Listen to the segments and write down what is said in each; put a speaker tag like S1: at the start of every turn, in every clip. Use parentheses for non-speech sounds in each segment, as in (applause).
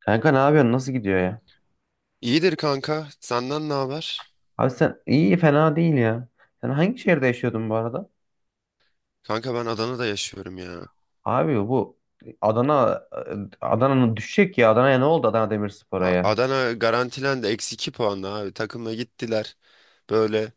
S1: Kanka ne yapıyorsun? Nasıl gidiyor ya?
S2: İyidir kanka. Senden ne haber?
S1: Abi sen iyi fena değil ya. Sen hangi şehirde yaşıyordun bu arada?
S2: Kanka ben Adana'da yaşıyorum ya.
S1: Abi bu Adana Adana'nın düşecek ya. Adana'ya ne oldu Adana Demirspor'a ya?
S2: Adana garantilendi. Eksi 2 puanla abi. Takımla gittiler. Böyle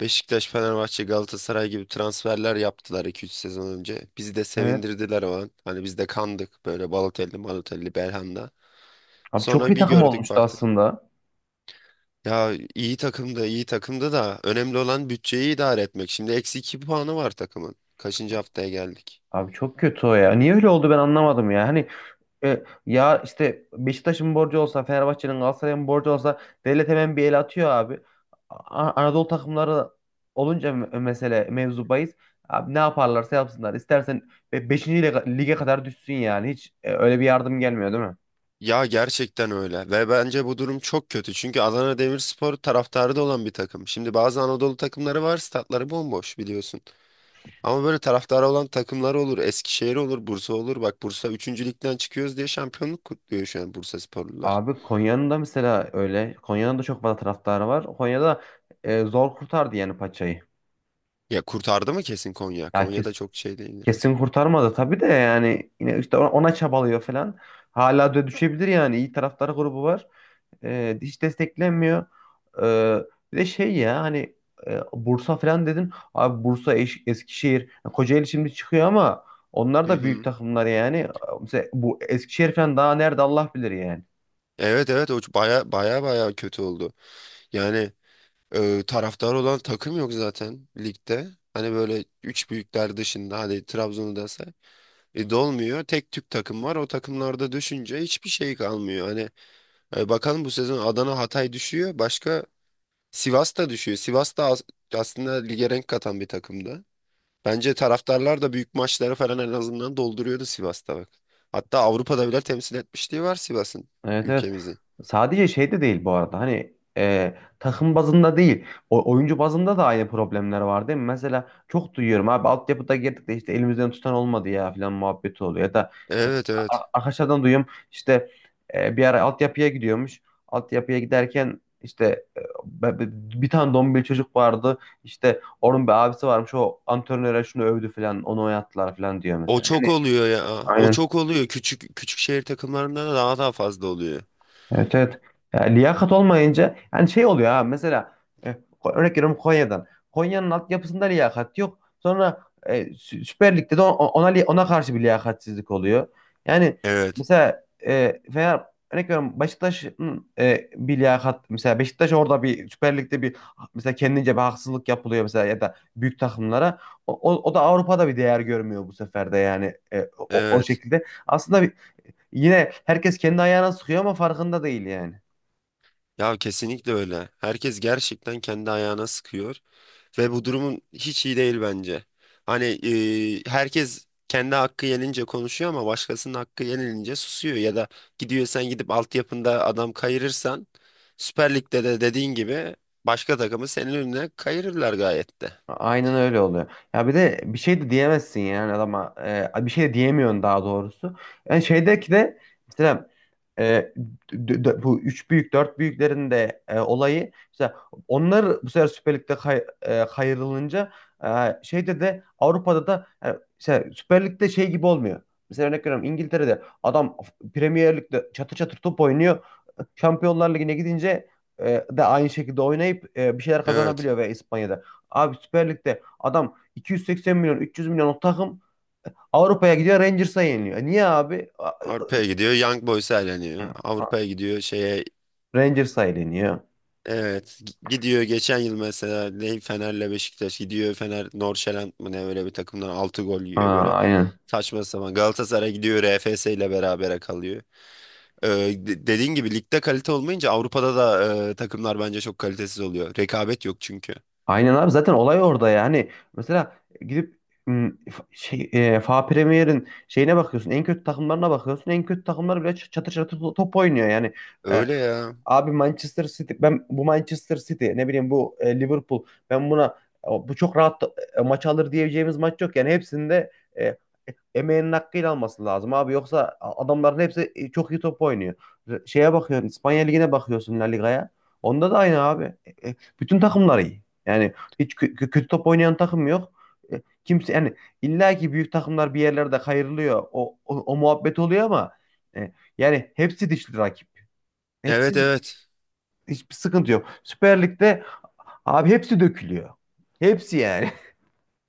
S2: Beşiktaş, Fenerbahçe, Galatasaray gibi transferler yaptılar iki üç sezon önce. Bizi de
S1: Evet.
S2: sevindirdiler o an. Hani biz de kandık. Böyle Balotelli, Malotelli, Belhanda.
S1: Abi çok
S2: Sonra
S1: iyi
S2: bir
S1: takım
S2: gördük
S1: olmuştu
S2: baktık.
S1: aslında.
S2: Ya iyi takımda, iyi takımda da önemli olan bütçeyi idare etmek. Şimdi eksi 2 puanı var takımın. Kaçıncı haftaya geldik?
S1: Abi çok kötü o ya. Niye öyle oldu ben anlamadım ya. Hani, ya işte Beşiktaş'ın borcu olsa, Fenerbahçe'nin, Galatasaray'ın borcu olsa devlet hemen bir el atıyor abi. Anadolu takımları olunca mesele mevzu bahis. Abi ne yaparlarsa yapsınlar. İstersen 5. lige kadar düşsün yani. Hiç öyle bir yardım gelmiyor değil mi?
S2: Ya gerçekten öyle ve bence bu durum çok kötü çünkü Adana Demirspor taraftarı da olan bir takım. Şimdi bazı Anadolu takımları var, statları bomboş biliyorsun. Ama böyle taraftarı olan takımlar olur. Eskişehir olur, Bursa olur. Bak Bursa üçüncü ligden çıkıyoruz diye şampiyonluk kutluyor şu an Bursa sporlular.
S1: Abi Konya'nın da mesela öyle. Konya'nın da çok fazla taraftarı var. Konya'da zor kurtardı yani paçayı.
S2: Ya kurtardı mı kesin Konya?
S1: Ya
S2: Konya'da çok şey değildi.
S1: kesin kurtarmadı tabii de yani yine işte ona çabalıyor falan. Hala da düşebilir yani. İyi taraftar grubu var. Hiç desteklenmiyor. E, Bir de şey ya hani Bursa falan dedin. Abi Bursa, Eskişehir, Kocaeli şimdi çıkıyor ama onlar
S2: Hı
S1: da büyük
S2: hı.
S1: takımlar yani. Mesela bu Eskişehir falan daha nerede Allah bilir yani.
S2: Evet, evet, o baya baya baya kötü oldu. Yani taraftar olan takım yok zaten ligde. Hani böyle üç büyükler dışında hadi Trabzon'u da say. E, dolmuyor. Tek tük takım var. O takımlarda düşünce hiçbir şey kalmıyor. Hani bakalım, bu sezon Adana, Hatay düşüyor. Başka Sivas da düşüyor. Sivas da aslında lige renk katan bir takımdı. Bence taraftarlar da büyük maçları falan en azından dolduruyordu Sivas'ta bak. Hatta Avrupa'da bile temsil etmişliği var Sivas'ın,
S1: Evet, evet.
S2: ülkemizi.
S1: Sadece şey de değil bu arada. Hani takım bazında değil. Oyuncu bazında da aynı problemler var değil mi? Mesela çok duyuyorum abi altyapıda girdik de işte elimizden tutan olmadı ya falan muhabbeti oluyor. Ya da işte
S2: Evet, evet.
S1: arkadaşlardan duyuyorum işte bir ara altyapıya gidiyormuş. Altyapıya giderken işte e, be- be- bir tane dombil çocuk vardı. İşte onun bir abisi varmış o antrenöre şunu övdü falan onu oynattılar falan diyor
S2: O
S1: mesela.
S2: çok
S1: Yani,
S2: oluyor ya. O
S1: aynen.
S2: çok oluyor. Küçük küçük şehir takımlarında da daha daha fazla oluyor.
S1: Evet, evet. Ya, liyakat olmayınca yani şey oluyor ha mesela e, örnek veriyorum Konya'dan. Konya'nın altyapısında liyakat yok. Sonra Süper Lig'de de ona karşı bir liyakatsizlik oluyor. Yani
S2: Evet.
S1: mesela e, Fener örnek veriyorum Beşiktaş'ın bir liyakat mesela Beşiktaş orada bir Süper Lig'de bir mesela kendince bir haksızlık yapılıyor mesela ya da büyük takımlara. O da Avrupa'da bir değer görmüyor bu sefer de yani o
S2: Evet.
S1: şekilde. Aslında, yine herkes kendi ayağına sıkıyor ama farkında değil yani.
S2: Ya kesinlikle öyle. Herkes gerçekten kendi ayağına sıkıyor. Ve bu durumun hiç iyi değil bence. Hani herkes kendi hakkı yenince konuşuyor ama başkasının hakkı yenilince susuyor. Ya da gidiyorsan, gidip altyapında adam kayırırsan, Süper Lig'de de dediğin gibi başka takımı senin önüne kayırırlar gayet de.
S1: Aynen öyle oluyor. Ya bir de bir şey de diyemezsin yani adama. Bir şey de diyemiyorsun daha doğrusu. Yani şeydeki de mesela e, bu üç büyük dört büyüklerin de olayı mesela onlar bu sefer Süper Lig'de kayrılınca e, şeyde de Avrupa'da da yani mesela Süper Lig'de şey gibi olmuyor. Mesela örnek veriyorum İngiltere'de adam Premier Lig'de çatır çatır top oynuyor. Şampiyonlar Ligi'ne gidince de aynı şekilde oynayıp bir şeyler
S2: Evet.
S1: kazanabiliyor ve İspanya'da. Abi Süper Lig'de adam 280 milyon 300 milyon o takım Avrupa'ya gidiyor Rangers'a yeniliyor. Niye abi?
S2: Avrupa'ya gidiyor Young Boys'a eleniyor. Avrupa'ya gidiyor şeye.
S1: Rangers'a yeniliyor.
S2: Evet, gidiyor geçen yıl mesela, ne Fener'le Beşiktaş gidiyor, Fener Norşeland mı ne öyle bir takımdan 6 gol yiyor, böyle
S1: Ha, aynen.
S2: saçma sapan. Galatasaray gidiyor RFS ile berabere kalıyor. Ee, dediğin gibi ligde kalite olmayınca Avrupa'da da takımlar bence çok kalitesiz oluyor. Rekabet yok çünkü.
S1: Aynen abi zaten olay orada ya. Hani mesela gidip şey, FA Premier'in şeyine bakıyorsun. En kötü takımlarına bakıyorsun. En kötü takımlar bile çatır çatır top oynuyor. Yani e,
S2: Öyle ya.
S1: abi Manchester City ben bu Manchester City ne bileyim bu Liverpool ben buna bu çok rahat maç alır diyeceğimiz maç yok. Yani hepsinde emeğinin hakkıyla alması lazım abi. Yoksa adamların hepsi çok iyi top oynuyor. Şeye bakıyorsun İspanya Ligi'ne bakıyorsun La Liga'ya. Onda da aynı abi. Bütün takımlar iyi. Yani hiç kötü top oynayan takım yok. Kimse yani illa ki büyük takımlar bir yerlerde kayırılıyor. O muhabbet oluyor ama e, yani hepsi dişli rakip.
S2: Evet,
S1: Hepsi
S2: evet.
S1: hiçbir sıkıntı yok. Süper Lig'de abi hepsi dökülüyor. Hepsi yani. (laughs)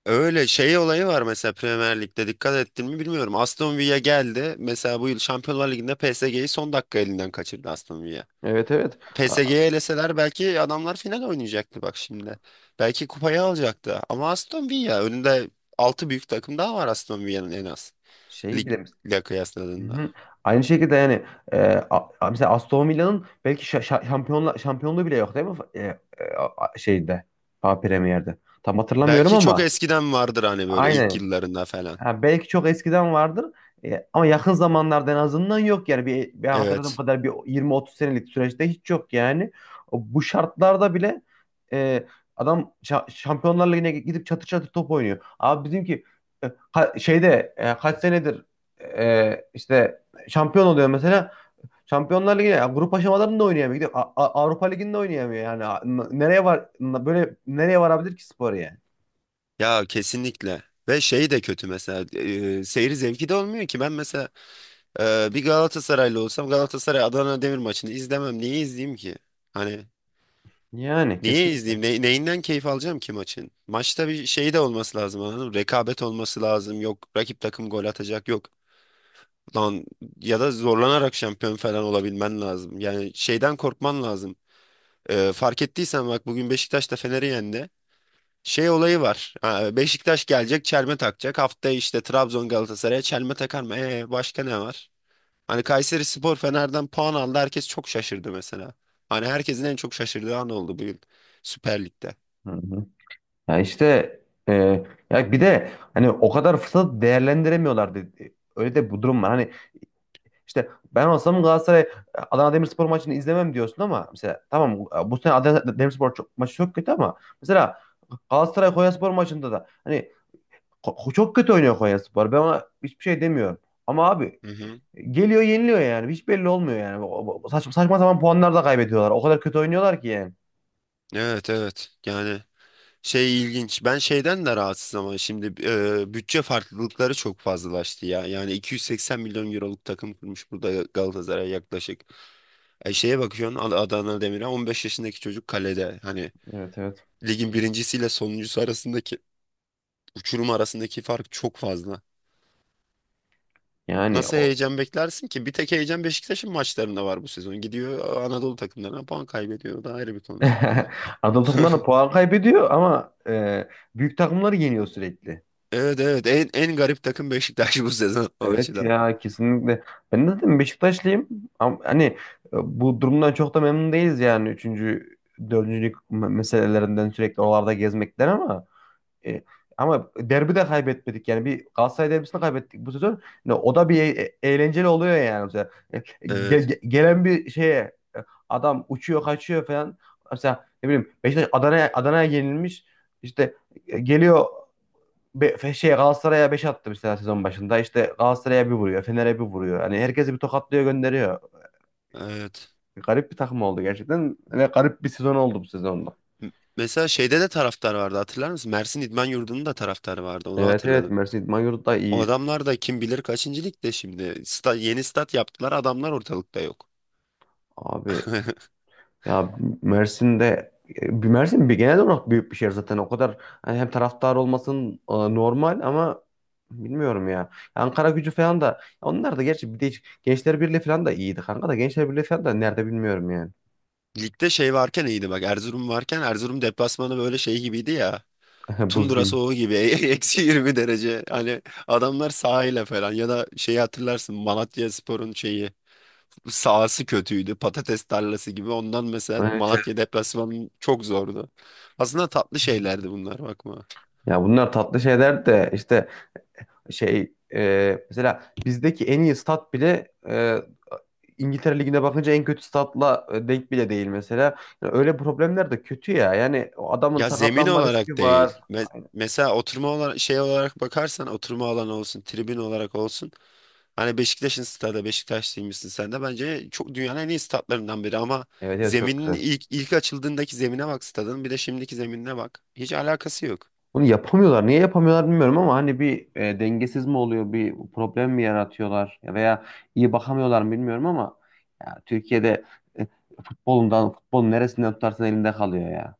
S2: Öyle şey olayı var mesela, Premier Lig'de dikkat ettin mi bilmiyorum. Aston Villa geldi. Mesela bu yıl Şampiyonlar Ligi'nde PSG'yi son dakika elinden kaçırdı Aston Villa.
S1: Evet, evet. A-
S2: PSG'ye eleseler belki adamlar final oynayacaktı bak şimdi. Belki kupayı alacaktı. Ama Aston Villa önünde 6 büyük takım daha var Aston Villa'nın en az.
S1: Şeyi bile.
S2: Ligle
S1: Hı
S2: kıyasladığında.
S1: hı. Aynı şekilde yani e, mesela Aston Villa'nın belki şa- şa- şampiyonla şampiyonluğu bile yok değil mi? E, Şeyde, Fa Premier'de. Tam hatırlamıyorum
S2: Belki
S1: ama
S2: çok
S1: çok.
S2: eskiden vardır hani, böyle ilk
S1: Aynen.
S2: yıllarında falan.
S1: Ha, belki çok eskiden vardır. Ama yakın zamanlarda en azından yok yani ben hatırladığım
S2: Evet.
S1: kadar bir 20-30 senelik süreçte hiç yok yani. Bu şartlarda bile e, adam Şampiyonlar Ligi'ne gidip çatır çatır top oynuyor. Abi bizimki şeyde kaç senedir işte şampiyon oluyor mesela. Şampiyonlar Ligi'ne ya grup aşamalarında oynayamıyor. Gidip Avrupa Ligi'nde oynayamıyor yani. Böyle nereye varabilir ki spor yani?
S2: Ya kesinlikle. Ve şey de kötü mesela, seyir zevki de olmuyor ki. Ben mesela bir Galatasaraylı olsam Galatasaray Adana Demir maçını izlemem. Niye izleyeyim ki? Hani
S1: Yani
S2: niye
S1: kesinlikle.
S2: izleyeyim? Neyinden keyif alacağım ki maçın? Maçta bir şey de olması lazım, anladın mı? Rekabet olması lazım. Yok rakip takım, gol atacak yok. Lan, ya da zorlanarak şampiyon falan olabilmen lazım. Yani şeyden korkman lazım. Fark ettiysen bak bugün Beşiktaş da Fener'i yendi. Şey olayı var. Ha, Beşiktaş gelecek çelme takacak. Haftaya işte Trabzon Galatasaray'a çelme takar mı? Başka ne var? Hani Kayseri Spor Fener'den puan aldı. Herkes çok şaşırdı mesela. Hani herkesin en çok şaşırdığı an oldu bu yıl Süper Lig'de.
S1: Hı hı. Ya işte e, ya bir de hani o kadar fırsatı değerlendiremiyorlardı. Öyle de bu durum var. Hani işte ben olsam Galatasaray Adana Demirspor maçını izlemem diyorsun ama mesela tamam bu sene Adana Demirspor maçı çok kötü ama mesela Galatasaray Konyaspor maçında da hani çok kötü oynuyor Konyaspor. Ben ona hiçbir şey demiyorum. Ama abi
S2: Hı hı.
S1: geliyor yeniliyor yani. Hiç belli olmuyor yani. Saçma saçma sapan puanlar da kaybediyorlar. O kadar kötü oynuyorlar ki yani.
S2: Evet, evet, yani şey ilginç, ben şeyden de rahatsız ama şimdi bütçe farklılıkları çok fazlalaştı ya. Yani 280 milyon euroluk takım kurmuş burada Galatasaray yaklaşık, şeye bakıyorsun Adana Demir'e 15 yaşındaki çocuk kalede. Hani
S1: Evet, evet.
S2: ligin birincisiyle sonuncusu arasındaki uçurum, arasındaki fark çok fazla,
S1: Yani
S2: nasıl heyecan beklersin ki? Bir tek heyecan Beşiktaş'ın maçlarında var bu sezon, gidiyor Anadolu takımlarına puan kaybediyor, o da ayrı bir konu.
S1: (laughs) Anadolu takımlarına puan kaybediyor ama büyük takımları yeniyor sürekli.
S2: Evet, evet, en garip takım Beşiktaş bu sezon o
S1: Evet
S2: açıdan.
S1: ya, kesinlikle. Ben de zaten Beşiktaşlıyım. Ama hani bu durumdan çok da memnun değiliz yani. Üçüncü, dördüncülük meselelerinden sürekli oralarda gezmekten E, ama derbi de kaybetmedik yani bir Galatasaray derbisini kaybettik bu sezon. Yani o da bir eğlenceli oluyor yani. Mesela,
S2: Evet,
S1: gelen bir şeye e, adam uçuyor kaçıyor falan. Mesela ne bileyim Beşiktaş Adana'ya yenilmiş. İşte geliyor şey Galatasaray'a 5 attı mesela sezon başında. İşte Galatasaray'a bir vuruyor, Fener'e bir vuruyor. Hani herkesi bir tokatlıyor gönderiyor.
S2: evet.
S1: Garip bir takım oldu gerçekten ve garip bir sezon oldu bu sezonda.
S2: M- Mesela şeyde de taraftar vardı, hatırlar mısın? Mersin İdman Yurdu'nun da taraftarı vardı, onu
S1: Evet, evet,
S2: hatırladım.
S1: Mersin İdman Yurdu da
S2: O
S1: iyi.
S2: adamlar da kim bilir kaçıncı ligde şimdi. Yeni stat yaptılar, adamlar ortalıkta yok.
S1: Abi,
S2: (laughs)
S1: ya Mersin bir genel olarak büyük bir şehir zaten. O kadar hani hem taraftar olmasın normal ama bilmiyorum ya. Ankara Gücü falan da onlar da gerçi bir de Gençler Birliği falan da iyiydi kanka da Gençler Birliği falan da nerede bilmiyorum yani.
S2: Ligde şey varken iyiydi bak, Erzurum varken. Erzurum deplasmanı böyle şey gibiydi ya,
S1: (laughs) Buz
S2: tundra
S1: gibi.
S2: soğuğu gibi. (laughs) Eksi 20 derece, hani adamlar sahile falan. Ya da şeyi hatırlarsın, Malatyaspor'un şeyi, sahası kötüydü, patates tarlası gibi. Ondan mesela
S1: Evet. Evet.
S2: Malatya deplasmanı çok zordu. Aslında tatlı şeylerdi bunlar, bakma.
S1: Ya bunlar tatlı şeyler de işte mesela bizdeki en iyi stat bile İngiltere Ligi'ne bakınca en kötü statla denk bile değil mesela. Yani öyle problemler de kötü ya. Yani o adamın
S2: Ya zemin
S1: sakatlanma
S2: olarak
S1: riski
S2: değil.
S1: var. Aynen.
S2: Mesela oturma olarak, şey olarak bakarsan, oturma alanı olsun, tribün olarak olsun. Hani Beşiktaş'ın stadı, Beşiktaşlıymışsın sen de. Bence çok, dünyanın en iyi statlarından biri ama
S1: Evet, evet, çok
S2: zeminin
S1: güzel.
S2: ilk açıldığındaki zemine bak stadın, bir de şimdiki zeminine bak. Hiç alakası yok.
S1: Bunu yapamıyorlar. Niye yapamıyorlar bilmiyorum ama hani bir dengesiz mi oluyor, bir problem mi yaratıyorlar ya veya iyi bakamıyorlar mı bilmiyorum ama ya Türkiye'de e, futbolundan, futbolun neresinden tutarsan elinde kalıyor ya.